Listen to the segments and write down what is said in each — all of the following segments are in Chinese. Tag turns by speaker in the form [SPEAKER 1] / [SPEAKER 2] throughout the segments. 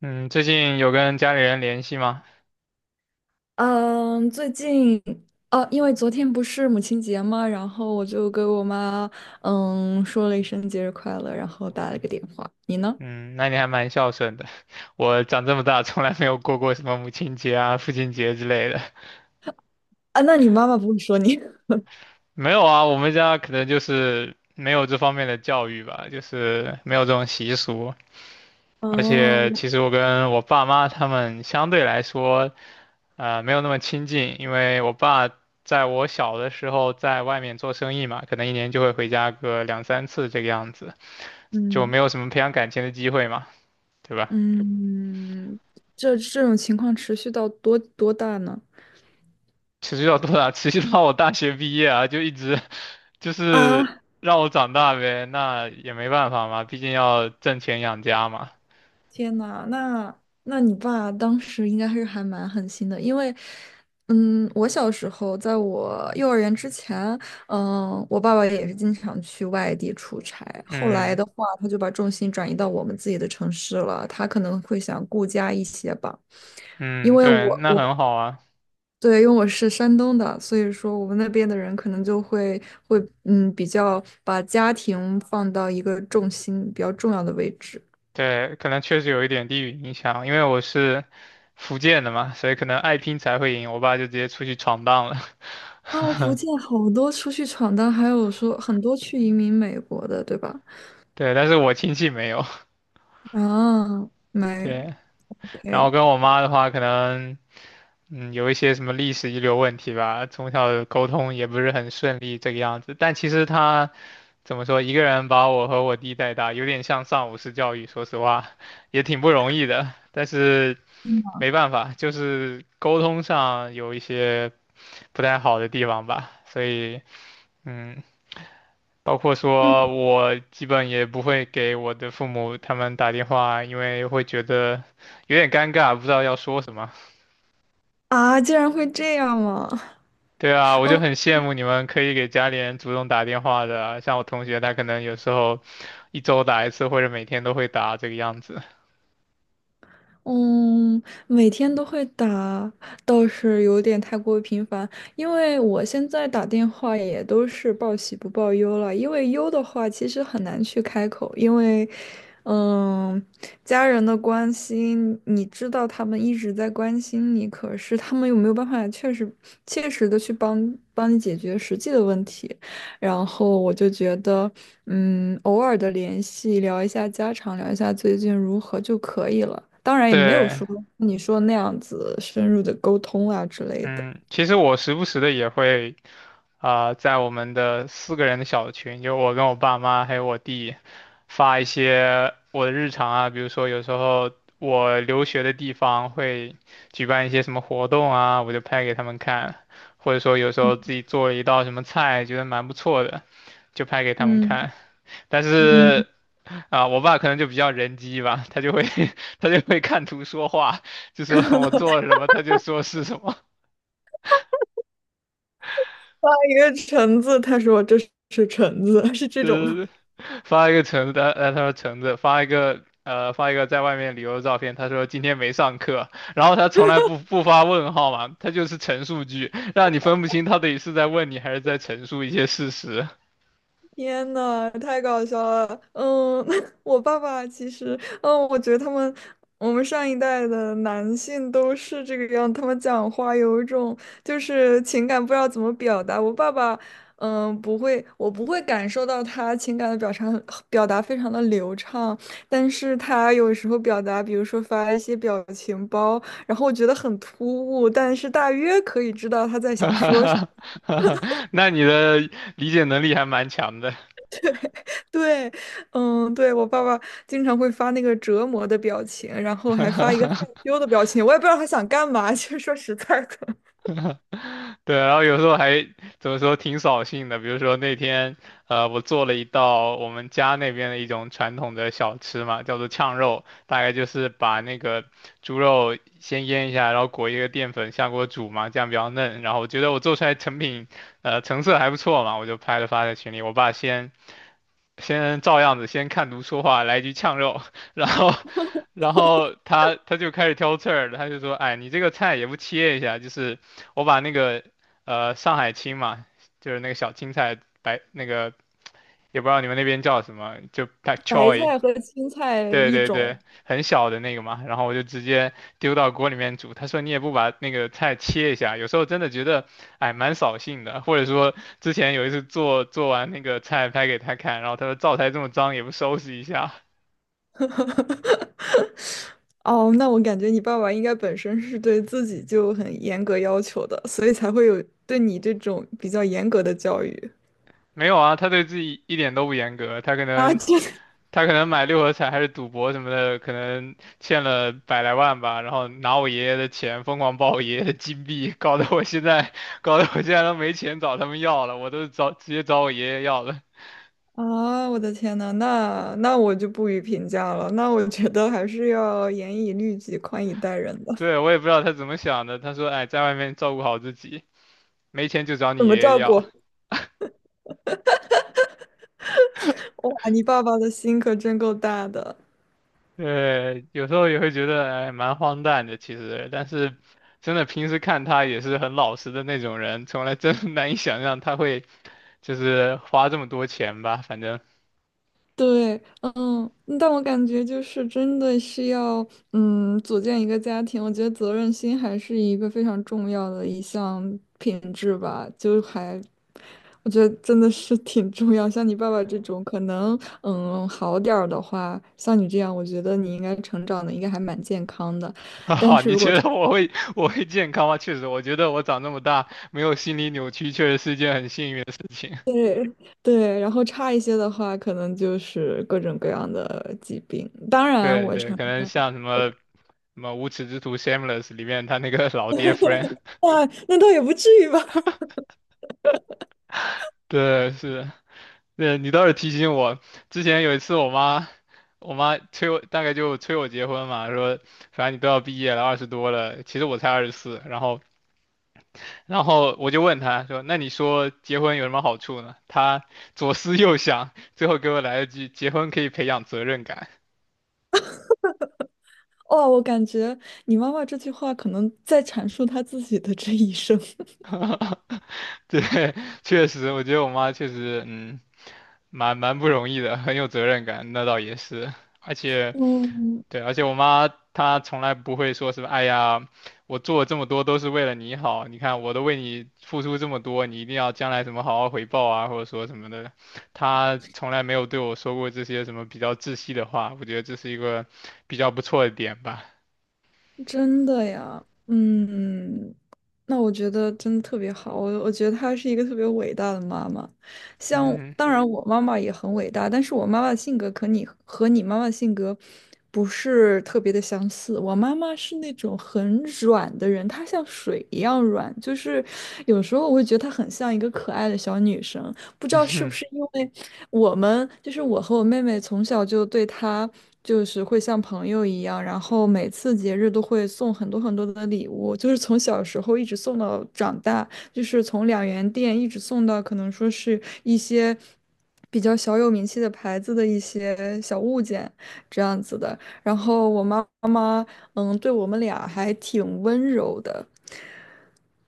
[SPEAKER 1] 嗯，最近有跟家里人联系吗？
[SPEAKER 2] 嗯，最近哦，因为昨天不是母亲节嘛，然后我就给我妈说了一声节日快乐，然后打了个电话。你呢？
[SPEAKER 1] 嗯，那你还蛮孝顺的。我长这么大从来没有过过什么母亲节啊、父亲节之类的。
[SPEAKER 2] 啊，那你妈妈不会说你？
[SPEAKER 1] 没有啊，我们家可能就是没有这方面的教育吧，就是没有这种习俗。而
[SPEAKER 2] 哦，
[SPEAKER 1] 且
[SPEAKER 2] 我
[SPEAKER 1] 其实我跟我爸妈他们相对来说，没有那么亲近，因为我爸在我小的时候在外面做生意嘛，可能一年就会回家个两三次这个样子，就
[SPEAKER 2] 嗯
[SPEAKER 1] 没有什么培养感情的机会嘛，对吧？
[SPEAKER 2] 嗯，这种情况持续到多大呢？
[SPEAKER 1] 持续到多大？持续到我大学毕业啊，就一直 就是
[SPEAKER 2] 啊，
[SPEAKER 1] 让我长大呗，那也没办法嘛，毕竟要挣钱养家嘛。
[SPEAKER 2] 天呐，那你爸当时应该是还蛮狠心的，因为，嗯，我小时候在我幼儿园之前，嗯，我爸爸也是经常去外地出差。后来
[SPEAKER 1] 嗯
[SPEAKER 2] 的话，他就把重心转移到我们自己的城市了。他可能会想顾家一些吧，因
[SPEAKER 1] 嗯，
[SPEAKER 2] 为
[SPEAKER 1] 对，
[SPEAKER 2] 我
[SPEAKER 1] 那
[SPEAKER 2] 我
[SPEAKER 1] 很好啊。
[SPEAKER 2] 对，因为我是山东的，所以说我们那边的人可能就会比较把家庭放到一个重心比较重要的位置。
[SPEAKER 1] 对，可能确实有一点地域影响，因为我是福建的嘛，所以可能爱拼才会赢。我爸就直接出去闯荡了。
[SPEAKER 2] 哦，福 建好多出去闯荡，还有说很多去移民美国的，对吧？
[SPEAKER 1] 对，但是我亲戚没有。
[SPEAKER 2] 啊，没
[SPEAKER 1] 对，然后
[SPEAKER 2] ，OK，
[SPEAKER 1] 跟我妈的话，可能。嗯，有一些什么历史遗留问题吧，从小沟通也不是很顺利这个样子。但其实他怎么说，一个人把我和我弟带大，有点像上武式教育，说实话，也挺不容易的。但是没办法，就是沟通上有一些不太好的地方吧。所以，嗯，包括
[SPEAKER 2] 嗯
[SPEAKER 1] 说我基本也不会给我的父母他们打电话，因为会觉得有点尴尬，不知道要说什么。
[SPEAKER 2] 啊，竟然会这样吗？
[SPEAKER 1] 对啊，我就
[SPEAKER 2] 嗯
[SPEAKER 1] 很羡慕你们可以给家里人主动打电话的啊，像我同学他可能有时候一周打一次，或者每天都会打这个样子。
[SPEAKER 2] 嗯，每天都会打，倒是有点太过于频繁。因为我现在打电话也都是报喜不报忧了，因为忧的话其实很难去开口，因为，嗯，家人的关心，你知道他们一直在关心你，可是他们又没有办法确实切实的去帮你解决实际的问题？然后我就觉得，嗯，偶尔的联系，聊一下家常，聊一下最近如何就可以了。当然也没有
[SPEAKER 1] 对，
[SPEAKER 2] 说你说那样子深入的沟通啊之类的。
[SPEAKER 1] 嗯，其实我时不时的也会。啊、在我们的四个人的小群，就我跟我爸妈还有我弟，发一些我的日常啊，比如说有时候我留学的地方会举办一些什么活动啊，我就拍给他们看，或者说有时候自己做了一道什么菜，觉得蛮不错的，就拍给他们
[SPEAKER 2] 嗯
[SPEAKER 1] 看。但
[SPEAKER 2] 嗯，
[SPEAKER 1] 是啊、我爸可能就比较人机吧，他就会 他就会看图说话，就说我做了什么，他就说是什么。
[SPEAKER 2] 发一个橙子，他说这是橙子，是这种
[SPEAKER 1] 对
[SPEAKER 2] 吗？
[SPEAKER 1] 对对，发一个橙子，他说橙子，发一个在外面旅游的照片，他说今天没上课，然后他从来不发问号嘛，他就是陈述句，让你分不清他到底是在问你还是在陈述一些事实。
[SPEAKER 2] 天呐，太搞笑了！嗯，我爸爸其实，嗯，我觉得他们，我们上一代的男性都是这个样，他们讲话有一种就是情感不知道怎么表达。我爸爸，嗯，不会，我不会感受到他情感的表达非常的流畅，但是他有时候表达，比如说发一些表情包，然后我觉得很突兀，但是大约可以知道他在
[SPEAKER 1] 哈
[SPEAKER 2] 想
[SPEAKER 1] 哈
[SPEAKER 2] 说。
[SPEAKER 1] 哈哈哈，那你的理解能力还蛮强的。
[SPEAKER 2] 对，嗯，对，我爸爸经常会发那个折磨的表情，然后还发一个害 羞的表情，我也不知道他想干嘛。其实说实在的，
[SPEAKER 1] 对，然后有时候还怎么说挺扫兴的，比如说那天，我做了一道我们家那边的一种传统的小吃嘛，叫做炝肉，大概就是把那个猪肉先腌一下，然后裹一个淀粉下锅煮嘛，这样比较嫩。然后我觉得我做出来成品，成色还不错嘛，我就拍了发在群里。我爸先照样子先看图说话，来一句呛肉，然后，然后他就开始挑刺儿了，他就说，哎，你这个菜也不切一下，就是我把那个上海青嘛，就是那个小青菜白那个，也不知道你们那边叫什么，就 pak
[SPEAKER 2] 白
[SPEAKER 1] choi，
[SPEAKER 2] 菜和青菜
[SPEAKER 1] 对
[SPEAKER 2] 一
[SPEAKER 1] 对对，
[SPEAKER 2] 种。
[SPEAKER 1] 很小的那个嘛，然后我就直接丢到锅里面煮。他说你也不把那个菜切一下，有时候真的觉得，哎，蛮扫兴的。或者说之前有一次做做完那个菜拍给他看，然后他说灶台这么脏也不收拾一下。
[SPEAKER 2] 哦，那我感觉你爸爸应该本身是对自己就很严格要求的，所以才会有对你这种比较严格的教育
[SPEAKER 1] 没有啊，他对自己一点都不严格，他可
[SPEAKER 2] 啊！
[SPEAKER 1] 能
[SPEAKER 2] 这
[SPEAKER 1] 他可能买六合彩还是赌博什么的，可能欠了百来万吧，然后拿我爷爷的钱疯狂爆我爷爷的金币，搞得我现在 搞得我现在都没钱找他们要了，我都直接找我爷爷要了。
[SPEAKER 2] 啊，我的天呐，那我就不予评价了。那我觉得还是要严以律己，宽以待人的，
[SPEAKER 1] 对，我也不知道他怎么想的，他说哎，在外面照顾好自己，没钱就找
[SPEAKER 2] 怎
[SPEAKER 1] 你爷
[SPEAKER 2] 么
[SPEAKER 1] 爷
[SPEAKER 2] 照
[SPEAKER 1] 要。
[SPEAKER 2] 顾？哇，你爸爸的心可真够大的。
[SPEAKER 1] 对，有时候也会觉得哎，蛮荒诞的其实，但是真的平时看他也是很老实的那种人，从来真的难以想象他会。就是花这么多钱吧，反正。
[SPEAKER 2] 对，嗯，但我感觉就是真的是要，嗯，组建一个家庭，我觉得责任心还是一个非常重要的一项品质吧，就还，我觉得真的是挺重要。像你爸爸这种，可能，嗯，好点儿的话，像你这样，我觉得你应该成长的应该还蛮健康的。
[SPEAKER 1] 哈哈，你觉得我会健康吗？确实，我觉得我长这么大没有心理扭曲，确实是一件很幸运的事情。
[SPEAKER 2] 对，然后差一些的话，可能就是各种各样的疾病。当 然，
[SPEAKER 1] 对
[SPEAKER 2] 我
[SPEAKER 1] 对，
[SPEAKER 2] 承
[SPEAKER 1] 可能
[SPEAKER 2] 认。
[SPEAKER 1] 像什么什么无耻之徒 Shameless 里面他那个老爹 Frank，
[SPEAKER 2] 哇，那倒也不至于吧？
[SPEAKER 1] 对，是，对，你倒是提醒我，之前有一次我妈。我妈催我，大概就催我结婚嘛，说反正你都要毕业了，20多了，其实我才24，然后我就问他说：“那你说结婚有什么好处呢？”他左思右想，最后给我来了句：“结婚可以培养责任感。
[SPEAKER 2] 哦，我感觉你妈妈这句话可能在阐述她自己的这一生。
[SPEAKER 1] 对，确实，我觉得我妈确实，嗯，蛮不容易的，很有责任感，那倒也是，而且。
[SPEAKER 2] 嗯，
[SPEAKER 1] 对，而且我妈她从来不会说什么，哎呀，我做了这么多都是为了你好，你看我都为你付出这么多，你一定要将来怎么好好回报啊，或者说什么的，她从来没有对我说过这些什么比较窒息的话，我觉得这是一个比较不错的点吧。
[SPEAKER 2] 真的呀，嗯，那我觉得真的特别好，我觉得她是一个特别伟大的妈妈。像
[SPEAKER 1] 嗯，
[SPEAKER 2] 当然我妈妈也很伟大，但是我妈妈的性格可你和你妈妈的性格不是特别的相似。我妈妈是那种很软的人，她像水一样软，就是有时候我会觉得她很像一个可爱的小女生。不知道是不是 因为我们，就是我和我妹妹从小就对她就是会像朋友一样，然后每次节日都会送很多很多的礼物，就是从小时候一直送到长大，就是从两元店一直送到可能说是一些比较小有名气的牌子的一些小物件这样子的。然后我妈妈，嗯，对我们俩还挺温柔的。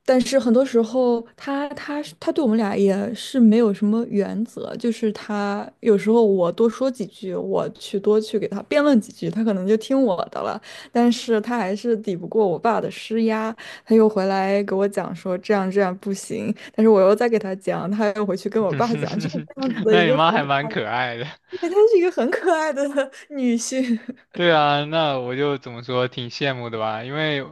[SPEAKER 2] 但是很多时候他，他对我们俩也是没有什么原则，就是他有时候我多说几句，我去给他辩论几句，他可能就听我的了。但是他还是抵不过我爸的施压，他又回来给我讲说这样这样不行，但是我又再给他讲，他又回去跟我爸讲，就是这样子的
[SPEAKER 1] 那
[SPEAKER 2] 一
[SPEAKER 1] 你
[SPEAKER 2] 个
[SPEAKER 1] 妈还蛮可爱的。
[SPEAKER 2] 因为他是一个很可爱的女性。
[SPEAKER 1] 对啊，那我就怎么说，挺羡慕的吧？因为，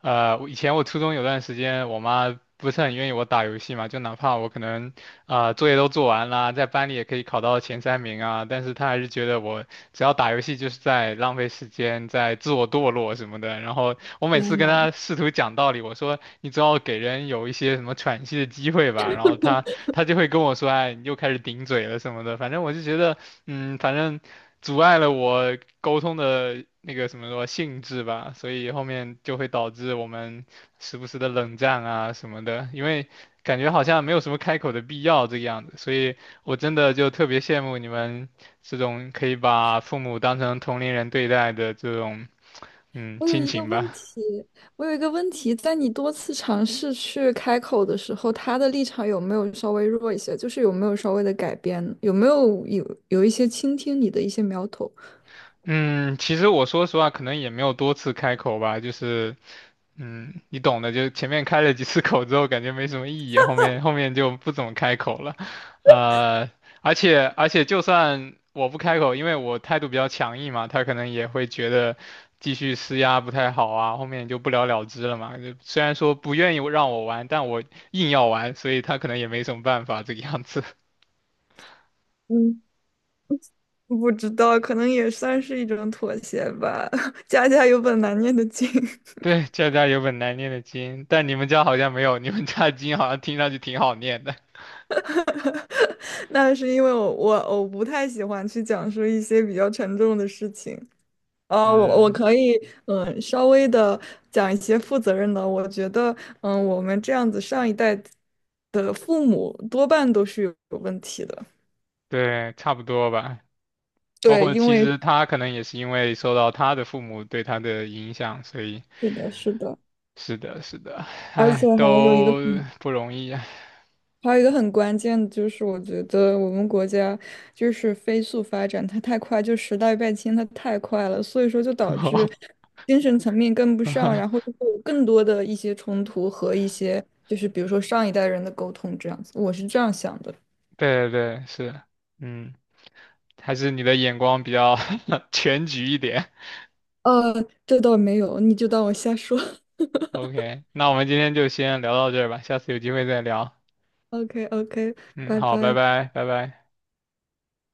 [SPEAKER 1] 我以前我初中有段时间，我妈不是很愿意我打游戏嘛，就哪怕我可能，啊，作业都做完啦，在班里也可以考到前三名啊，但是她还是觉得我只要打游戏就是在浪费时间，在自我堕落什么的。然后我每次
[SPEAKER 2] 天
[SPEAKER 1] 跟
[SPEAKER 2] 呐！
[SPEAKER 1] 她试图讲道理，我说你总要给人有一些什么喘息的机会吧，然后她就会跟我说，哎，你又开始顶嘴了什么的。反正我就觉得，嗯，反正。阻碍了我沟通的那个什么说性质吧，所以后面就会导致我们时不时的冷战啊什么的，因为感觉好像没有什么开口的必要这个样子，所以我真的就特别羡慕你们这种可以把父母当成同龄人对待的这种嗯
[SPEAKER 2] 我有
[SPEAKER 1] 亲
[SPEAKER 2] 一个
[SPEAKER 1] 情
[SPEAKER 2] 问
[SPEAKER 1] 吧。
[SPEAKER 2] 题，我有一个问题，在你多次尝试去开口的时候，他的立场有没有稍微弱一些？就是有没有稍微的改变？有没有一些倾听你的一些苗头？
[SPEAKER 1] 嗯，其实我说实话，可能也没有多次开口吧，就是你懂的，就前面开了几次口之后，感觉没什么意义，后面就不怎么开口了，呃，而且就算我不开口，因为我态度比较强硬嘛，他可能也会觉得继续施压不太好啊，后面就不了了之了嘛。就虽然说不愿意让我玩，但我硬要玩，所以他可能也没什么办法这个样子。
[SPEAKER 2] 嗯，不知道，可能也算是一种妥协吧。家家有本难念的经，
[SPEAKER 1] 对，家家有本难念的经，但你们家好像没有，你们家的经好像听上去挺好念的。
[SPEAKER 2] 那是因为我不太喜欢去讲述一些比较沉重的事情，我
[SPEAKER 1] 嗯，
[SPEAKER 2] 可以，嗯，稍微的讲一些负责任的。我觉得，嗯，我们这样子上一代的父母多半都是有问题的。
[SPEAKER 1] 对，差不多吧。包
[SPEAKER 2] 对，
[SPEAKER 1] 括
[SPEAKER 2] 因
[SPEAKER 1] 其
[SPEAKER 2] 为
[SPEAKER 1] 实他可能也是因为受到他的父母对他的影响，所以
[SPEAKER 2] 是的，是的，
[SPEAKER 1] 是的，是的，
[SPEAKER 2] 而且
[SPEAKER 1] 唉，
[SPEAKER 2] 还有一个
[SPEAKER 1] 都
[SPEAKER 2] 很，
[SPEAKER 1] 不容易啊。
[SPEAKER 2] 还有一个很关键的就是，我觉得我们国家就是飞速发展，它太快，就时代变迁它太快了，所以说就导致 精神层面跟不上，然后就会有更多的一些冲突和一些就是比如说上一代人的沟通这样子，我是这样想的。
[SPEAKER 1] 对对对，是，嗯，还是你的眼光比较 全局一点。
[SPEAKER 2] 呃，这倒没有，你就当我瞎说。
[SPEAKER 1] OK，那我们今天就先聊到这儿吧，下次有机会再聊。
[SPEAKER 2] OK OK，
[SPEAKER 1] 嗯，
[SPEAKER 2] 拜
[SPEAKER 1] 好，拜
[SPEAKER 2] 拜。
[SPEAKER 1] 拜，拜拜。